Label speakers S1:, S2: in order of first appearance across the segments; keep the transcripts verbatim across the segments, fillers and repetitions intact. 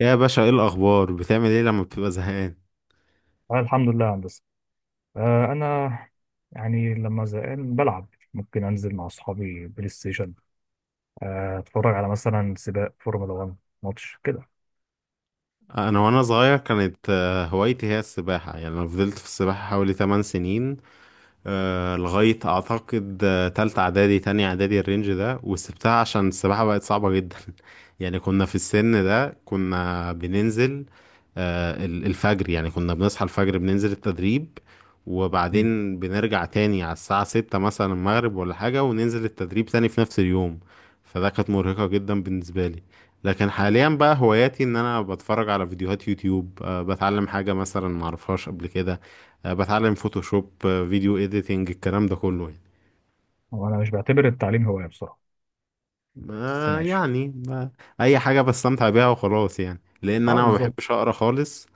S1: يا باشا، ايه الاخبار؟ بتعمل ايه لما بتبقى زهقان؟
S2: أنا الحمد لله يا هندسة. آه، أنا يعني لما زهقان بلعب. ممكن أنزل مع أصحابي بلاي ستيشن. آه، أتفرج على مثلا سباق فورمولا واحد ماتش كده.
S1: انا وانا صغير كانت آه، هوايتي هي السباحه. يعني انا فضلت في السباحه حوالي 8 سنين. آه، لغاية أعتقد آه، تالتة إعدادي، تانية إعدادي الرينج ده، وسبتها عشان السباحة بقت صعبة جدا. يعني كنا في السن ده كنا بننزل آه، ال- الفجر، يعني كنا بنصحى الفجر بننزل التدريب،
S2: مم.
S1: وبعدين بنرجع تاني على الساعة ستة مثلا المغرب ولا حاجة، وننزل التدريب تاني في نفس اليوم. فده كانت مرهقة جدا بالنسبة لي. لكن حاليا بقى هواياتي ان انا بتفرج على فيديوهات يوتيوب، أه بتعلم حاجة مثلا معرفهاش قبل كده، آه، بتعلم فوتوشوب، آه، فيديو اديتنج، الكلام ده كله يعني.
S2: هو أنا مش بعتبر التعليم هواية بصراحة. بس
S1: ما
S2: ماشي.
S1: يعني ما اي حاجة بستمتع بيها وخلاص، يعني لان
S2: أه،
S1: انا ما بحبش
S2: بالظبط.
S1: اقرا خالص.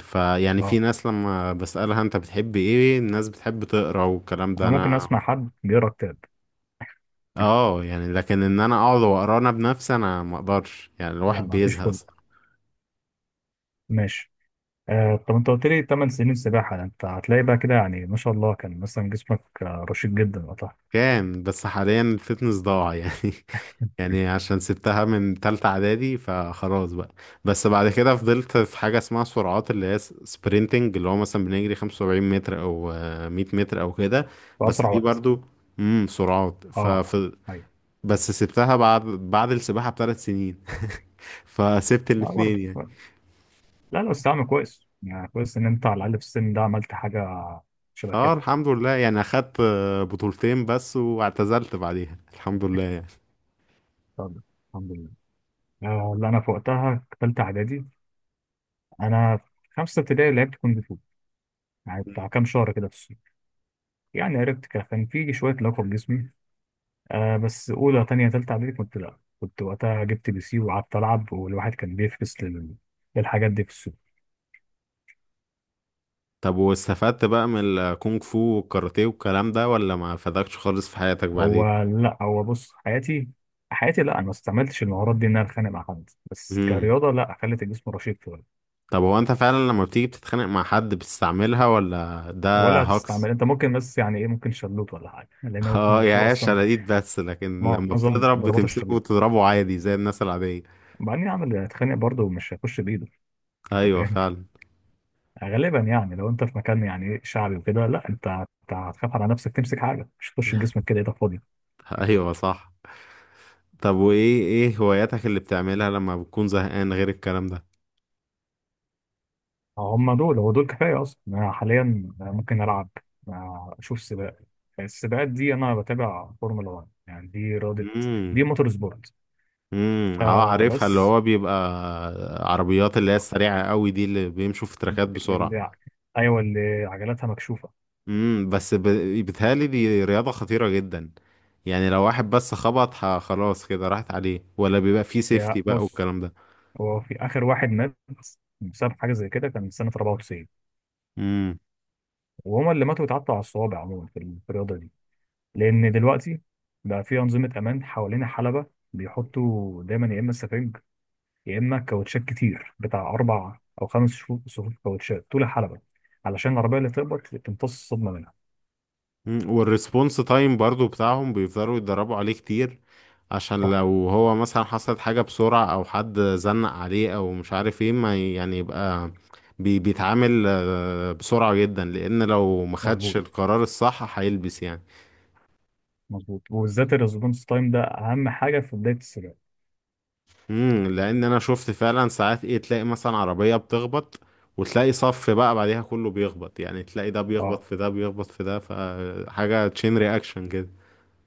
S1: فيعني في
S2: أه،
S1: ناس لما بسألها انت بتحب ايه، الناس بتحب تقرا والكلام ده،
S2: أنا ممكن
S1: انا
S2: أسمع حد بيقرا كتاب.
S1: اه يعني، لكن ان انا اقعد واقرا انا بنفسي، انا ما اقدرش، يعني
S2: لا،
S1: الواحد
S2: ما فيش
S1: بيزهق.
S2: خلق. ماشي. آه، طب أنت قلت لي تمن سنين سباحة، ده أنت هتلاقي بقى كده يعني ما شاء الله كان مثلا جسمك آه، رشيق جدا وقتها.
S1: كام بس حاليا الفتنس ضاع يعني. يعني عشان سبتها من تالتة اعدادي، فخلاص بقى. بس بعد كده فضلت في حاجة اسمها سرعات، اللي هي سبرينتنج، اللي هو مثلا بنجري 75 متر او آه، 100 متر او كده.
S2: في
S1: بس
S2: أسرع
S1: دي
S2: وقت.
S1: برضو، امم سرعات،
S2: أه،
S1: فف
S2: أيوه.
S1: بس سبتها بعد بعد السباحة بثلاث سنين. فسبت
S2: ما برضه.
S1: الاتنين يعني.
S2: لا، لا، بس تعمل كويس يعني كويس ان انت على الاقل في السن ده عملت حاجه شبه
S1: اه
S2: كده.
S1: الحمد لله، يعني اخدت آه، بطولتين بس، واعتزلت بعديها، الحمد لله يعني.
S2: طب الحمد لله. آه، اللي انا في وقتها في ثالثه اعدادي، انا في خمسه ابتدائي لعبت كونج فو. يعني بتاع كام شهر كده في الصيف. يعني عرفت كده، كان في شويه لياقه في جسمي. آه بس اولى ثانيه ثالثه اعدادي كنت لا كنت وقتها جبت بي سي وقعدت العب، والواحد كان بيفكس لل- للحاجات دي في الصيف.
S1: طب واستفدت بقى من الكونغ فو والكاراتيه والكلام ده، ولا ما فادكش خالص في حياتك
S2: هو
S1: بعدين؟
S2: لا هو بص، حياتي حياتي لا انا ما استعملتش المهارات دي ان انا اتخانق مع حد، بس
S1: امم.
S2: كرياضه لا خلت الجسم رشيق.
S1: طب هو انت فعلا لما بتيجي بتتخانق مع حد بتستعملها، ولا ده
S2: ولا
S1: هاكس؟
S2: هتستعمل انت ممكن، بس يعني ايه ممكن شلوت ولا حاجه لان هو
S1: اه،
S2: كونج فو
S1: يا هي
S2: اصلا.
S1: شلاليت بس، لكن لما
S2: معظم
S1: بتضرب
S2: ضربات الشلوت،
S1: بتمسكه وتضربه عادي زي الناس العادية.
S2: وبعدين يعمل هيتخانق برضه مش هيخش بايده. انت
S1: ايوه
S2: فاهم.
S1: فعلا.
S2: غالبا يعني لو انت في مكان يعني ايه شعبي وكده، لا انت هت- هتخاف على نفسك تمسك حاجه، مش هتخش بجسمك كده ايدك فاضيه.
S1: ايوه صح. طب وايه ايه هواياتك اللي بتعملها لما بتكون زهقان غير الكلام ده؟
S2: هم دول، هو دول كفايه اصلا. انا حاليا ممكن العب. آه، اشوف سباق. السباقات دي انا بتابع فورمولا واحد، يعني دي رياضه، دي
S1: امم.
S2: موتور سبورت.
S1: امم، اه
S2: آه،
S1: عارفها، اللي
S2: بس
S1: هو بيبقى عربيات، اللي هي السريعة قوي دي، اللي بيمشوا في تراكات بسرعة.
S2: اللي ايوه اللي عجلاتها مكشوفه.
S1: امم، بس ب... بيتهيألي دي رياضة خطيرة جدا. يعني لو واحد بس خبط ه- خلاص كده راحت عليه، ولا بيبقى فيه
S2: هي
S1: سيفتي بقى
S2: بص،
S1: والكلام ده؟
S2: هو في آخر واحد مات بسبب حاجة زي كده، كان سنة أربعة وتسعين.
S1: امم.
S2: وهما اللي ماتوا اتعطوا على الصوابع عموما في ال- في الرياضة دي. لأن دلوقتي بقى في أنظمة أمان حوالين حلبة. بيحطوا دايما يا إما سفنج، يا إما كاوتشات كتير بتاع أربع أو خمس شفو- صفوف كاوتشات طول الحلبة علشان العربية اللي تخبط تمتص الصدمة منها.
S1: أمم، والريسبونس تايم برضو بتاعهم بيفضلوا يتدربوا عليه كتير، عشان
S2: صح.
S1: لو هو مثلا حصلت حاجة بسرعة، او حد زنق عليه او مش عارف ايه، ما ي- يعني يبقى بي... بيتعامل آه، بسرعة جدا، لان لو ما خدش
S2: مظبوط،
S1: القرار الصح هيلبس يعني.
S2: مظبوط، وبالذات الريسبونس تايم ده أهم حاجة في بداية السباق.
S1: امم لان انا شفت فعلا ساعات، ايه، تلاقي مثلا عربية بتخبط، وتلاقي صف بقى بعديها كله بيخبط، يعني تلاقي ده بيخبط
S2: اه،
S1: في ده، بيخبط في ده، فحاجة تشين رياكشن كده.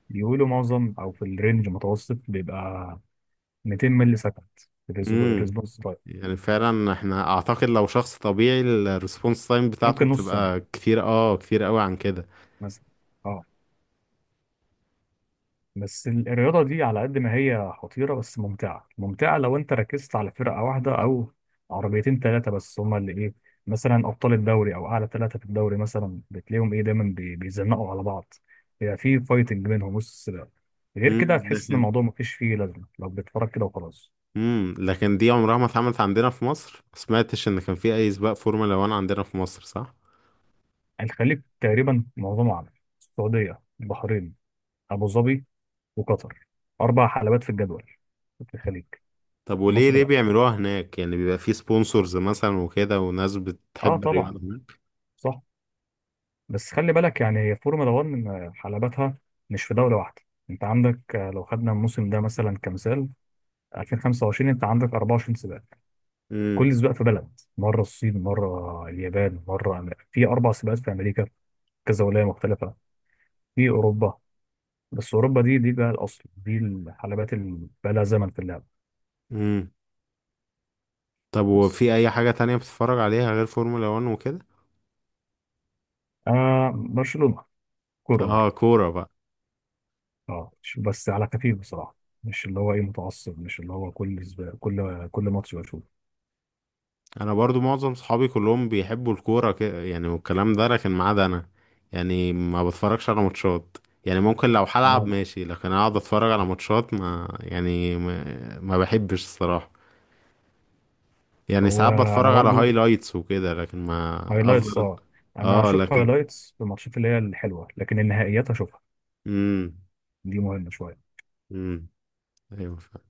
S2: بيقولوا معظم أو في الرينج المتوسط بيبقى ميتين ملي سكند
S1: امم
S2: الريسبونس.
S1: يعني فعلا احنا اعتقد لو شخص طبيعي الريسبونس تايم بتاعته
S2: ممكن نص ثانية
S1: بتبقى كتير، اه، كتير قوي عن كده.
S2: مثلا. اه. بس ال- الرياضة دي على قد ما هي خطيرة بس ممتعة ممتعة، لو انت ركزت على فرقة واحدة او عربيتين ثلاثة بس هما اللي ايه، مثلا ابطال الدوري او اعلى ثلاثة في الدوري مثلا بتلاقيهم ايه دايما بي- بيزنقوا على بعض. يبقى في فايتنج بينهم وسط السباق. غير كده
S1: امم
S2: هتحس ان
S1: لكن،
S2: الموضوع مفيش فيه لازمة لو بتتفرج كده وخلاص.
S1: امم لكن دي عمرها ما اتعملت عندنا في مصر، ما سمعتش ان كان في اي سباق فورمولا واحد عندنا في مصر، صح؟
S2: الخليج تقريبا معظمه عرب. السعودية، البحرين، ابو ظبي، وقطر. اربع حلبات في الجدول في الخليج.
S1: طب وليه
S2: مصر
S1: ليه
S2: لا.
S1: بيعملوها هناك؟ يعني بيبقى في سبونسرز مثلا وكده، وناس
S2: اه،
S1: بتحب
S2: طبعا.
S1: الرياضة هناك.
S2: صح. بس خلي بالك يعني فورمولا واحد حلبتها مش في دوله واحده. انت عندك، آه، لو خدنا الموسم ده مثلا كمثال، ألفين وخمسة وعشرين انت عندك أربعة وعشرين سباق.
S1: امم.
S2: كل سباق في بلد، مره الصين، مره اليابان، مره أم- في اربع سباقات في امريكا، كذا ولايه مختلفه. في اوروبا. بس اوروبا دي، دي بقى الاصل، دي الحلبات اللي بقى لها زمن في اللعبه.
S1: امم. طب
S2: بس
S1: وفي اي حاجة تانية بتتفرج عليها غير فورمولا واحد وكده؟
S2: آه برشلونه. كوره
S1: اه،
S2: برضه.
S1: كورة بقى.
S2: اه، مش- بس على خفيف بصراحه. مش اللي هو ايه متعصب، مش اللي هو كل سباق كل كل ماتش بشوفه.
S1: انا برضو معظم صحابي كلهم بيحبوا الكورة كده يعني والكلام ده، لكن ما عدا انا. يعني ما بتفرجش على ماتشات، يعني ممكن لو هلعب ماشي، لكن اقعد اتفرج على ماتشات، ما يعني ما, ما بحبش الصراحة. يعني
S2: هو
S1: ساعات
S2: انا
S1: بتفرج على
S2: برضو
S1: هايلايتس وكده، لكن ما
S2: هايلايتس
S1: افضل.
S2: اه. انا
S1: اه
S2: هشوف
S1: لكن.
S2: هايلايتس في الماتشات اللي هي الحلوه، لكن النهائيات هشوفها.
S1: امم.
S2: دي مهمه شويه.
S1: امم. ايوه فعلا.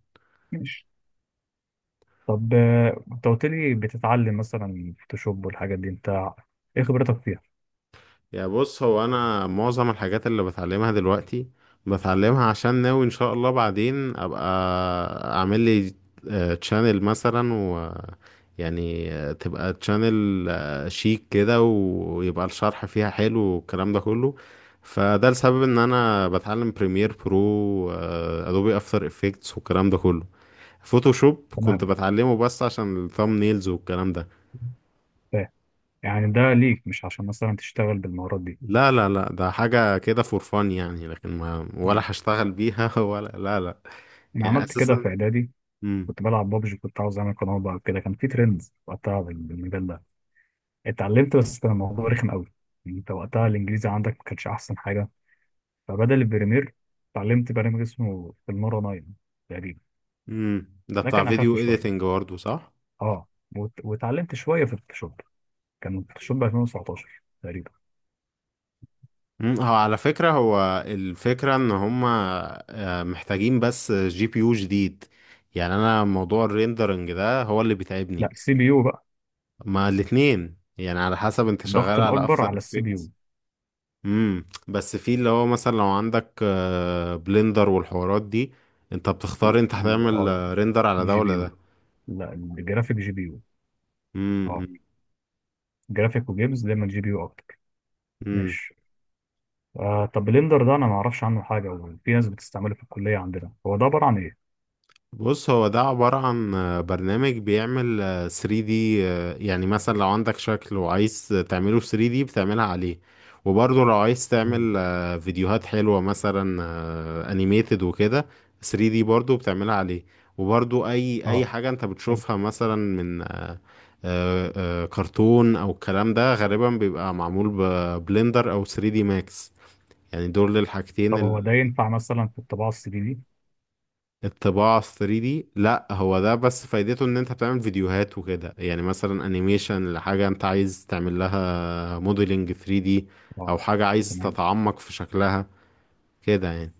S2: ماشي. طب آه، انت قلت لي بتتعلم مثلا فوتوشوب والحاجات دي، انت ايه خبرتك فيها.
S1: يا بص، هو انا معظم الحاجات اللي بتعلمها دلوقتي بتعلمها عشان ناوي ان شاء الله بعدين ابقى اعمل لي تشانل مثلا، و، يعني آه، تبقى تشانل شيك كده، ويبقى الشرح فيها حلو والكلام ده كله. فده السبب ان انا بتعلم بريمير برو، ادوبي افتر افكتس، والكلام ده كله. فوتوشوب كنت
S2: تمام،
S1: بتعلمه بس عشان الثامب نيلز والكلام ده.
S2: فاهم. يعني ده ليك، مش عشان مثلا تشتغل بالمهارات دي.
S1: لا لا لا، ده حاجة كده فور فان يعني، لكن ما،
S2: مم.
S1: ولا هشتغل بيها، ولا لا لا،
S2: انا
S1: يعني
S2: عملت كده في
S1: أساسا.
S2: اعدادي.
S1: مم.
S2: كنت بلعب بابجي، كنت عاوز اعمل قناه بقى كده، كان في ترند وقتها بال- بالمجال ده. اتعلمت، بس كان الموضوع رخم قوي. انت وقتها الانجليزي عندك ما كانش احسن حاجه. فبدل البريمير اتعلمت برنامج اسمه فيلمارا تسعة تقريبا.
S1: مم. ده
S2: ده
S1: بتاع
S2: كان اخف
S1: فيديو إيديتنج
S2: شويه.
S1: برضه، صح؟
S2: اه، وت- واتعلمت شويه في الفوتوشوب. كان الفوتوشوب ألفين وتسعتاشر تقريبا.
S1: مم. هو على فكرة، هو الفكرة إن هما آه، محتاجين بس جي بي يو جديد. يعني أنا موضوع الريندرنج ده هو اللي
S2: لا،
S1: بيتعبني.
S2: السي بي يو بقى.
S1: ما الاتنين يعني، على حسب أنت شغال
S2: الضغط
S1: على
S2: الاكبر
S1: أفتر.
S2: على السي بي يو.
S1: امم، بس في اللي هو مثلا لو عندك آه، بلندر والحوارات دي، انت بتختار انت هتعمل
S2: اه،
S1: آه، ريندر على ده
S2: الجي بي
S1: ولا
S2: يو.
S1: ده.
S2: لا، الجرافيك جي بي يو. اه، جرافيك وجيمز دايما جي بي يو اكتر.
S1: امم.
S2: ماشي. آه طب بلندر ده انا ما اعرفش عنه حاجه، وفي ناس بتستعمله في الكليه عندنا. هو ده عباره عن ايه؟
S1: بص، هو ده عبارة عن آه، برنامج بيعمل آه، ثري دي. آه، يعني مثلا لو عندك شكل وعايز تعمله ثري دي بتعملها عليه. وبرضه لو عايز
S2: مم.
S1: تعمل آه، فيديوهات حلوة مثلا آه، animated وكده، ثري دي برضه بتعملها عليه. وبرضه أي أي
S2: اه،
S1: حاجة أنت بتشوفها مثلا من آه، آه، آه، كرتون أو الكلام ده، غالبا بيبقى معمول ببلندر أو ثري دي ماكس، يعني دول
S2: طب
S1: الحاجتين.
S2: هو ده ينفع مثلا في الطباعه ثلاثة دي؟
S1: الطباعة ال ثري دي لا، هو ده بس فايدته ان انت بتعمل فيديوهات وكده، يعني مثلا انيميشن لحاجة انت عايز تعمل لها موديلنج ثري دي،
S2: اه،
S1: او حاجة عايز
S2: تمام.
S1: تتعمق في شكلها كده يعني.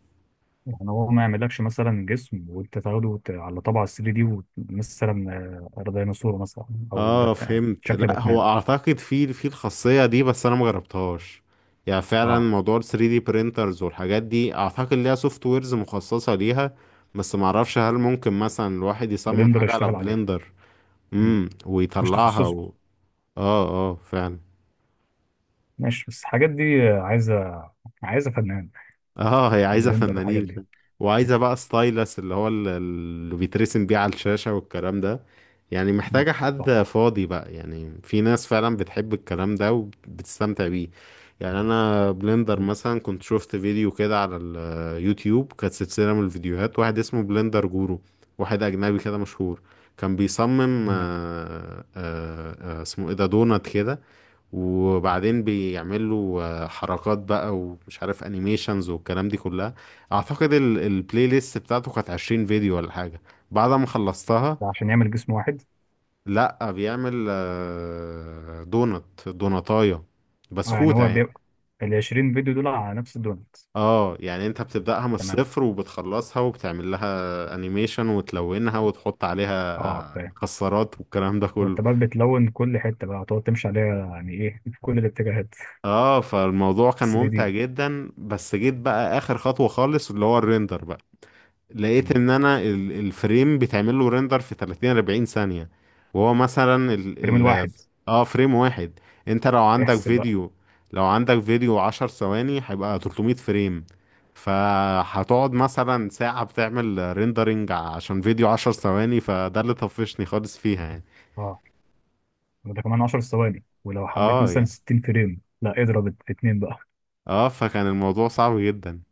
S2: يعني هو ما يعملكش مثلا جسم وانت تاخده وت- على طبعه ثلاثة دي وت- مثلا آه، ديناصور مثلا او
S1: اه
S2: بت...
S1: فهمت.
S2: شكل
S1: لا هو
S2: باتمان.
S1: اعتقد في في الخاصية دي، بس انا مجربتهاش. يعني فعلا
S2: اه،
S1: موضوع ال ثري دي printers والحاجات دي اعتقد ليها سوفت ويرز مخصصة ليها. بس معرفش هل ممكن مثلا الواحد يصمم
S2: بلندر
S1: حاجة على
S2: يشتغل عليها.
S1: بلندر.
S2: مم.
S1: امم،
S2: مش
S1: ويطلعها
S2: تخصصه.
S1: و... اه، اه، فعلا.
S2: ماشي، بس الحاجات دي آه، عايزه عايزه فنان.
S1: اه هي عايزة
S2: بلندر الحاجات
S1: فنانين، ف-
S2: دي.
S1: وعايزة بقى ستايلس، اللي هو ال- اللي بيترسم بيه على الشاشة والكلام ده، يعني
S2: مم.
S1: محتاجة حد
S2: صح.
S1: فاضي بقى. يعني في ناس فعلا بتحب الكلام ده وبتستمتع بيه. يعني انا بلندر
S2: حلو.
S1: مثلا كنت شفت فيديو كده على اليوتيوب، كانت سلسلة من الفيديوهات، واحد اسمه بلندر جورو، واحد اجنبي كده مشهور، كان بيصمم
S2: تمام.
S1: آه، آه، آه، اسمه ايه ده، دونات كده. وبعدين بيعملوا آه، حركات بقى ومش عارف انيميشنز والكلام دي كلها. اعتقد ال- البلاي ليست بتاعته كانت 20 فيديو ولا حاجة. بعد ما خلصتها.
S2: ده عشان يعمل جسم واحد.
S1: لا، بيعمل آه، دونت، دونتاية،
S2: اه يعني
S1: بسكوتة
S2: هو
S1: يعني.
S2: بيبقى ال عشرين فيديو دول على نفس الدونت.
S1: اه يعني انت بتبدأها من
S2: تمام،
S1: الصفر وبتخلصها وبتعمل لها انيميشن وتلونها، وتحط عليها
S2: اه،
S1: آه،
S2: فاهم.
S1: مكسرات والكلام ده
S2: وانت
S1: كله.
S2: بقى بتلون كل حته بقى هتقعد تمشي عليها يعني ايه في كل الاتجاهات
S1: اه، فالموضوع كان
S2: ثلاثة
S1: ممتع
S2: دي.
S1: جدا، بس جيت بقى اخر خطوة خالص اللي هو الريندر، لقيت
S2: مم.
S1: ان انا ال- الفريم بيتعمل له ريندر في تلاتين، 40 ثانية. وهو مثلا ال
S2: الفريم
S1: ال
S2: الواحد.
S1: اه فريم واحد. انت لو عندك
S2: احسب.
S1: فيديو، لو عندك فيديو 10 ثواني هيبقى 300 فريم. فهتقعد مثلا ساعة بتعمل ريندرنج عشان فيديو 10 ثواني. فده اللي طفشني خالص فيها يعني.
S2: اه، ده كمان عشر ثواني، ولو حبيت
S1: اه
S2: مثلا
S1: يعني.
S2: ستين فريم لا اضرب في اتنين بقى.
S1: اه فكان الموضوع صعب جدا.